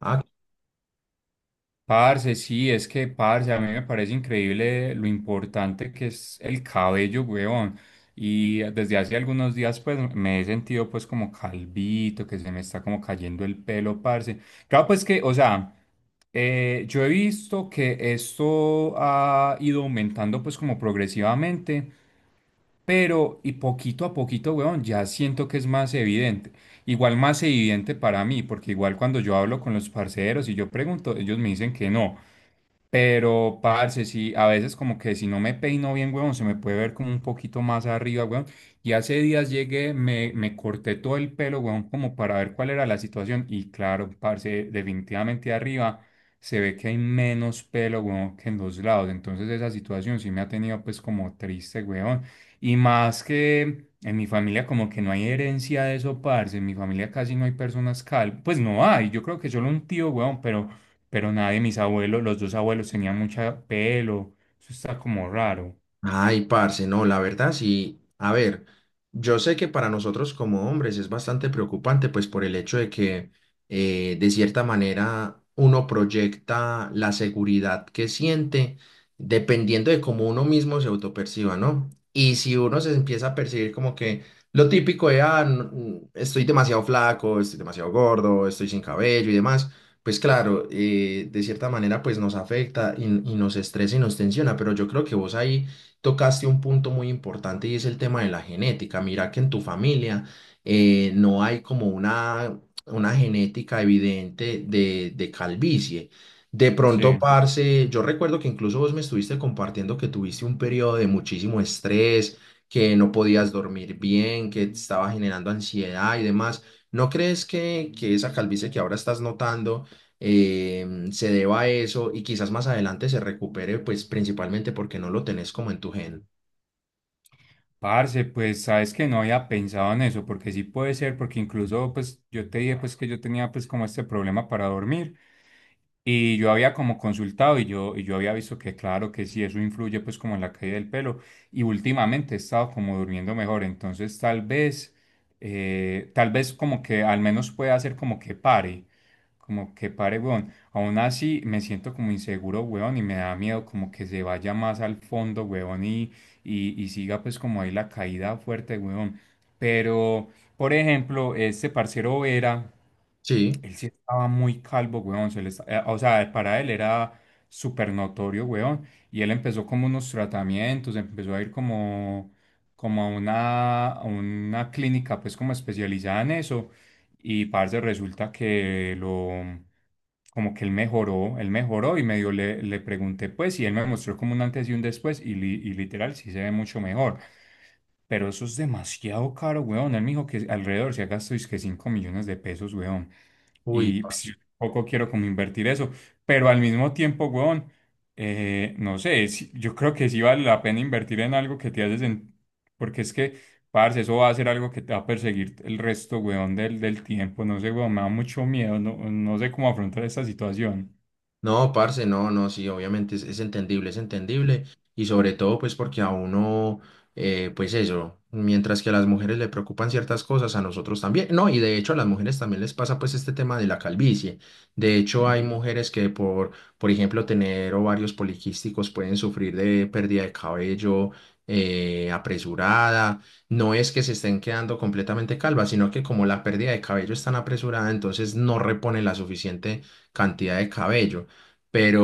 Ah, Parce, sí, es que, parce, a mí me parece increíble lo importante que es el cabello, weón. Y desde hace algunos días, pues, me he sentido, pues, como calvito, que se me está como cayendo el pelo, parce. Claro, pues que, o sea, yo he visto que esto ha ido aumentando, pues, como progresivamente, pero, y poquito a poquito, weón, ya siento que es más evidente. Igual más evidente para mí, porque igual cuando yo hablo con los parceros y yo pregunto, ellos me dicen que no. Pero, parce, sí, a veces como que si no me peino bien, weón se me puede ver como un poquito más arriba, weón. Y hace días llegué, me corté todo el pelo, weón, como para ver cuál era la situación. Y claro, parce, definitivamente arriba se ve que hay menos pelo, weón, que en los lados. Entonces esa situación sí me ha tenido pues como triste, weón. Y más que en mi familia como que no hay herencia de eso, parce. En mi familia casi no hay personas calvas. Pues no hay, yo creo que solo un tío, weón, pero nadie, mis abuelos, los dos abuelos tenían mucha pelo, eso está como raro. Ay, parce, no, la verdad sí. A ver, yo sé que para nosotros como hombres es bastante preocupante, pues por el hecho de que de cierta manera uno proyecta la seguridad que siente dependiendo de cómo uno mismo se autoperciba, ¿no? Y si uno se empieza a percibir como que lo típico de, no, estoy demasiado flaco, estoy demasiado gordo, estoy sin cabello y demás. Pues claro, de cierta manera pues nos afecta y nos estresa y nos tensiona, pero yo creo que vos ahí tocaste un punto muy importante y es el tema de la genética. Mira que en tu familia no hay como una, genética evidente de calvicie. De pronto, Sí, parce, yo recuerdo que incluso vos me estuviste compartiendo que tuviste un periodo de muchísimo estrés, que no podías dormir bien, que te estaba generando ansiedad y demás. ¿No crees que esa calvicie que ahora estás notando se deba a eso y quizás más adelante se recupere, pues principalmente porque no lo tenés como en tu gen? parce, pues sabes que no había pensado en eso, porque sí puede ser, porque incluso pues yo te dije pues que yo tenía pues como este problema para dormir. Y yo había como consultado y yo había visto que claro que sí, eso influye pues como en la caída del pelo, y últimamente he estado como durmiendo mejor, entonces tal vez como que al menos pueda hacer como que pare, weón. Aún así me siento como inseguro, weón, y me da miedo como que se vaya más al fondo, weón, y siga pues como ahí la caída fuerte, weón. Pero, por ejemplo, este parcero Vera Sí, él sí estaba muy calvo, weón. O sea, para él era súper notorio, weón. Y él empezó como unos tratamientos, empezó a ir como, como a una clínica, pues como especializada en eso. Y parce, resulta que lo, como que él mejoró y medio le, le pregunté, pues, y él me mostró como un antes y un después. Y literal, sí se ve mucho mejor. Pero eso es demasiado caro, weón. Él me dijo que alrededor se ha gastado es que 5 millones de pesos, weón. uy, Y pues, yo tampoco quiero como invertir eso. Pero al mismo tiempo, weón, no sé, yo creo que sí vale la pena invertir en algo que te hace sen- Porque es que, parce, eso va a ser algo que te va a perseguir el resto, weón, del tiempo. No sé, weón, me da mucho miedo. No, no sé cómo afrontar esta situación. no, parce, no, no, sí, obviamente es entendible, es entendible. Y sobre todo, pues porque a uno, pues eso, mientras que a las mujeres le preocupan ciertas cosas, a nosotros también. No, y de hecho a las mujeres también les pasa pues este tema de la calvicie. De hecho, Mm. hay mujeres que por ejemplo, tener ovarios poliquísticos pueden sufrir de pérdida de cabello. Apresurada, no es que se estén quedando completamente calvas, sino que como la pérdida de cabello es tan apresurada, entonces no reponen la suficiente cantidad de cabello.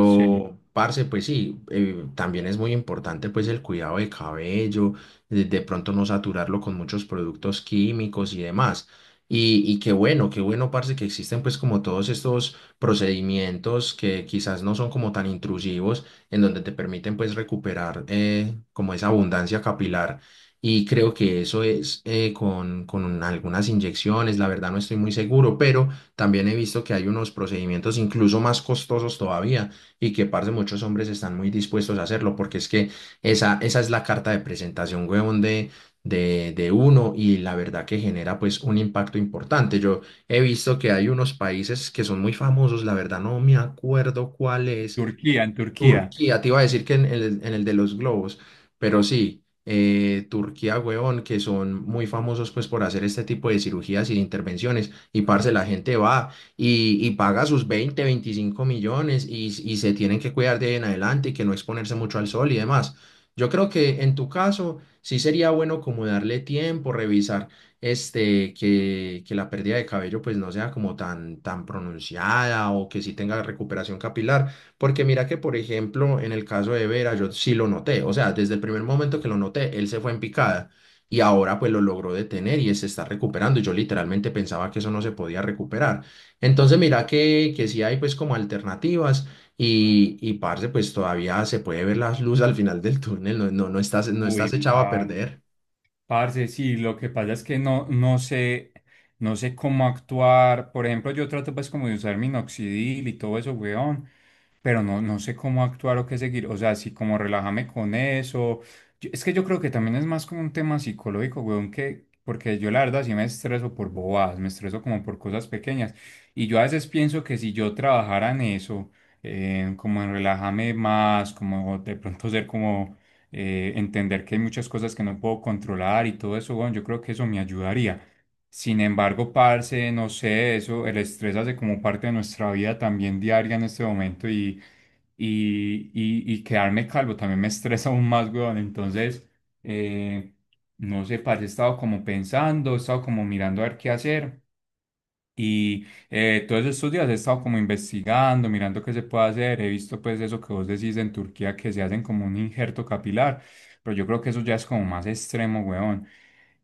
Sí. parce, pues sí, también es muy importante pues el cuidado de cabello, de pronto no saturarlo con muchos productos químicos y demás. Y qué bueno, parce, que existen pues como todos estos procedimientos que quizás no son como tan intrusivos, en donde te permiten pues recuperar como esa abundancia capilar. Y creo que eso es con algunas inyecciones, la verdad no estoy muy seguro, pero. También he visto que hay unos procedimientos incluso más costosos todavía y que, parce, muchos hombres están muy dispuestos a hacerlo porque es que esa es la carta de presentación, huevón, de uno, y la verdad que genera pues un impacto importante. Yo he visto que hay unos países que son muy famosos, la verdad no me acuerdo cuál es. Turquía, en Turquía. Turquía, te iba a decir que en el, de los globos, pero sí, Turquía, huevón, que son muy famosos pues por hacer este tipo de cirugías y de intervenciones, y parce, la gente va y paga sus 20-25 millones y se tienen que cuidar de ahí en adelante y que no exponerse mucho al sol y demás. Yo creo que en tu caso sí sería bueno como darle tiempo, revisar este, que la pérdida de cabello pues no sea como tan, tan pronunciada o que sí tenga recuperación capilar, porque mira que, por ejemplo, en el caso de Vera, yo sí lo noté. O sea, desde el primer momento que lo noté, él se fue en picada y ahora pues lo logró detener y se está recuperando. Yo literalmente pensaba que eso no se podía recuperar. Entonces, mira que, sí hay pues como alternativas y parce, pues todavía se puede ver las luces al final del túnel. No, no, no estás, no Uy, estás echado a parce. perder. Parce, sí, lo que pasa es que no, no sé, no sé cómo actuar. Por ejemplo, yo trato pues como de usar minoxidil y todo eso, weón, pero no, no sé cómo actuar o qué seguir. O sea, sí, como relájame con eso. Yo- es que yo creo que también es más como un tema psicológico, weón, que, porque yo la verdad sí me estreso por bobadas, me estreso como por cosas pequeñas. Y yo a veces pienso que si yo trabajara en eso, como en relájame más, como de pronto ser como entender que hay muchas cosas que no puedo controlar y todo eso, bueno, yo creo que eso me ayudaría. Sin embargo, parce, no sé, eso, el estrés hace como parte de nuestra vida también diaria en este momento y quedarme calvo también me estresa aún más, weón. Entonces, eh, no sé, parce, he estado como pensando, he estado como mirando a ver qué hacer. Todos estos días he estado como investigando, mirando qué se puede hacer. He visto pues eso que vos decís en Turquía que se hacen como un injerto capilar, pero yo creo que eso ya es como más extremo, weón.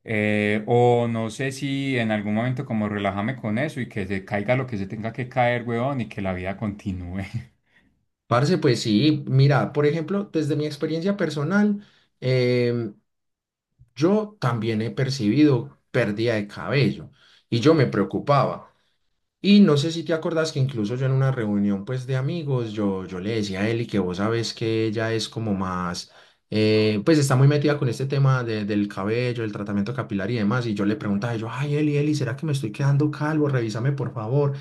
O no sé si en algún momento como relájame con eso y que se caiga lo que se tenga que caer, weón, y que la vida continúe. Parce, pues sí, mira, por ejemplo, desde mi experiencia personal, em, yo también he percibido pérdida de cabello y yo me preocupaba. Y no sé si te acordás que incluso yo en una reunión pues de amigos, yo le decía a Eli, que vos sabes que ella es como más, pues está muy metida con este tema de- del cabello, el tratamiento capilar y demás. Y yo le preguntaba, yo, ay Eli, Eli, ¿será que me estoy quedando calvo? Revísame por favor.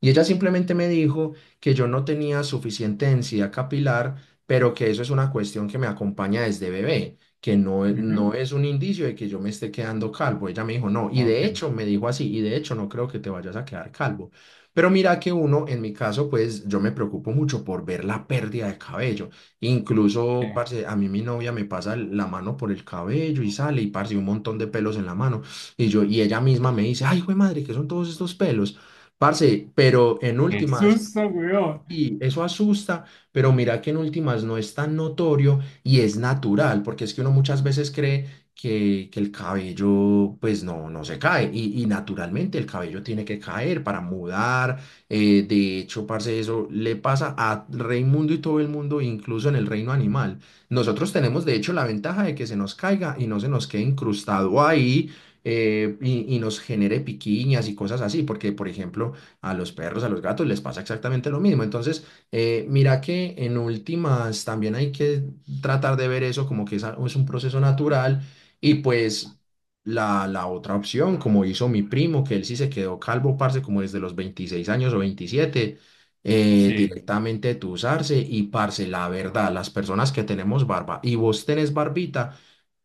Y ella simplemente me dijo que yo no tenía suficiente densidad capilar, pero que eso es una cuestión que me acompaña desde bebé, que no, Ujú. no es un indicio de que yo me esté quedando calvo. Ella me dijo, no, y Ok. de hecho me dijo así, y de hecho no creo que te vayas a quedar calvo. Pero mira que uno, en mi caso, pues yo me preocupo mucho por ver la pérdida de cabello. Incluso, Eh, parce, a mí mi novia me pasa la mano por el cabello y sale y, parce, un montón de pelos en la mano. Y ella misma me dice, ay, güey madre, ¿qué son todos estos pelos? Parce, pero en Qué últimas, susto, weón. y eso asusta, pero mira que en últimas no es tan notorio y es natural, porque es que uno muchas veces cree que el cabello pues no, no se cae y naturalmente el cabello tiene que caer para mudar. De hecho, parce, eso le pasa a Raimundo y todo el mundo, incluso en el reino animal. Nosotros tenemos de hecho la ventaja de que se nos caiga y no se nos quede incrustado ahí. Y nos genere piquiñas y cosas así, porque por ejemplo, a los perros, a los gatos les pasa exactamente lo mismo. Entonces, mira que en últimas también hay que tratar de ver eso como que es, es un proceso natural. Y pues la otra opción, como hizo mi primo, que él sí se quedó calvo, parce, como desde los 26 años o 27, Sí, directamente tusarse, y parce, la verdad, las personas que tenemos barba, y vos tenés barbita,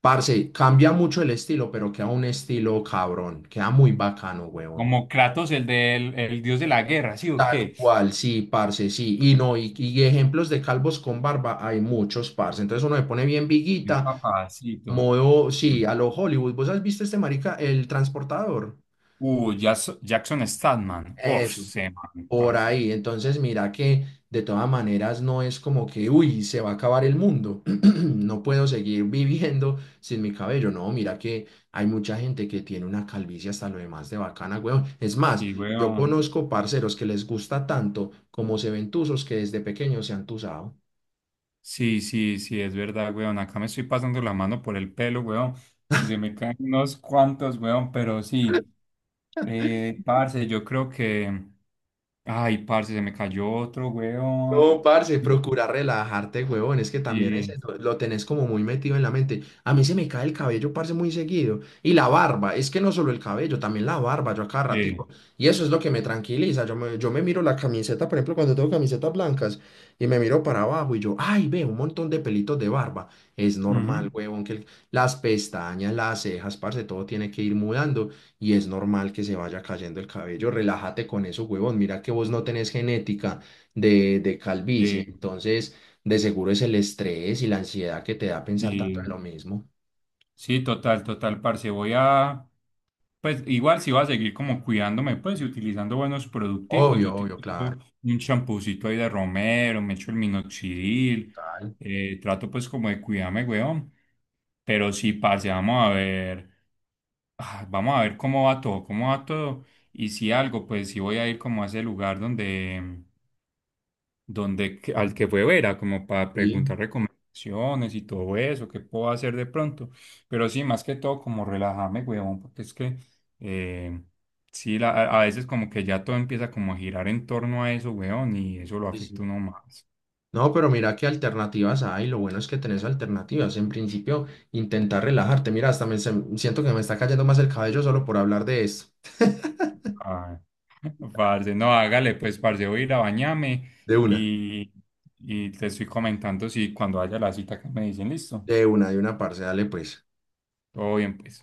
parce, cambia mucho el estilo, pero queda un estilo cabrón, queda muy bacano, huevón. como Kratos, el del el dios de la guerra, ¿sí o Tal qué? cual, sí, parce, sí. Y no, y ejemplos de calvos con barba hay muchos, parce. Entonces uno se pone bien El viguita, papacito. modo, Mm. sí, a lo Hollywood. ¿Vos has visto este marica, el transportador? Jackson Statman. Uf, Eso. se man, Por parce. ahí, entonces mira que de todas maneras no es como que, uy, se va a acabar el mundo, no puedo seguir viviendo sin mi cabello, no, mira que hay mucha gente que tiene una calvicie hasta lo demás de bacana, weón. Es más, Sí, yo weón. conozco parceros que les gusta tanto como se ven tuzos, que desde pequeños se han tuzado. Sí, es verdad, weón. Acá me estoy pasando la mano por el pelo, weón. Y se me caen unos cuantos, weón, pero sí. Parce, yo creo que. Ay, parce, se me cayó otro, No, weón. parce, procura relajarte, huevón. Es que también es Sí, eso, lo tenés como muy metido en la mente. A mí se me cae el cabello, parce, muy seguido. Y la barba, es que no solo el cabello, también la barba, yo a cada ratico. sí. Y eso es lo que me tranquiliza. Yo me miro la camiseta, por ejemplo, cuando tengo camisetas blancas, y me miro para abajo y yo, ay, ve, un montón de pelitos de barba. Es Ujú. normal, huevón, que las pestañas, las cejas, parce, todo tiene que ir mudando. Y es normal que se vaya cayendo el cabello. Relájate con eso, huevón. Mira que vos no tenés genética de calvicie. Sí, Entonces, de seguro es el estrés y la ansiedad que te da pensar tanto sí. en lo mismo. Sí, total, total, parce. Voy a. Pues igual si voy a seguir como cuidándome, pues y utilizando buenos producticos, yo Obvio, obvio, claro. utilizo un champucito ahí de romero, me echo el minoxidil, Total. Trato pues como de cuidarme, weón. Pero si parce, vamos a ver, vamos a ver cómo va todo, cómo va todo. Y si algo, pues si voy a ir como a ese lugar donde, al que fue a ver, a como para Sí, preguntar recomendaciones y todo eso, qué puedo hacer de pronto. Pero sí, más que todo, como relajarme, huevón, porque es que eh, sí, a veces como que ya todo empieza como a girar en torno a eso, huevón, y eso lo sí, afecta sí. uno más. No, pero mira qué alternativas hay. Lo bueno es que tenés alternativas. En principio, intentar relajarte. Mira, hasta siento que me está cayendo más el cabello solo por hablar de esto. Ay, parce, no, hágale, pues, parce, voy a ir a bañarme De una. y, y te estoy comentando si cuando haya la cita que me dicen, listo, De una, de una, parce, dale pues. todo bien, pues.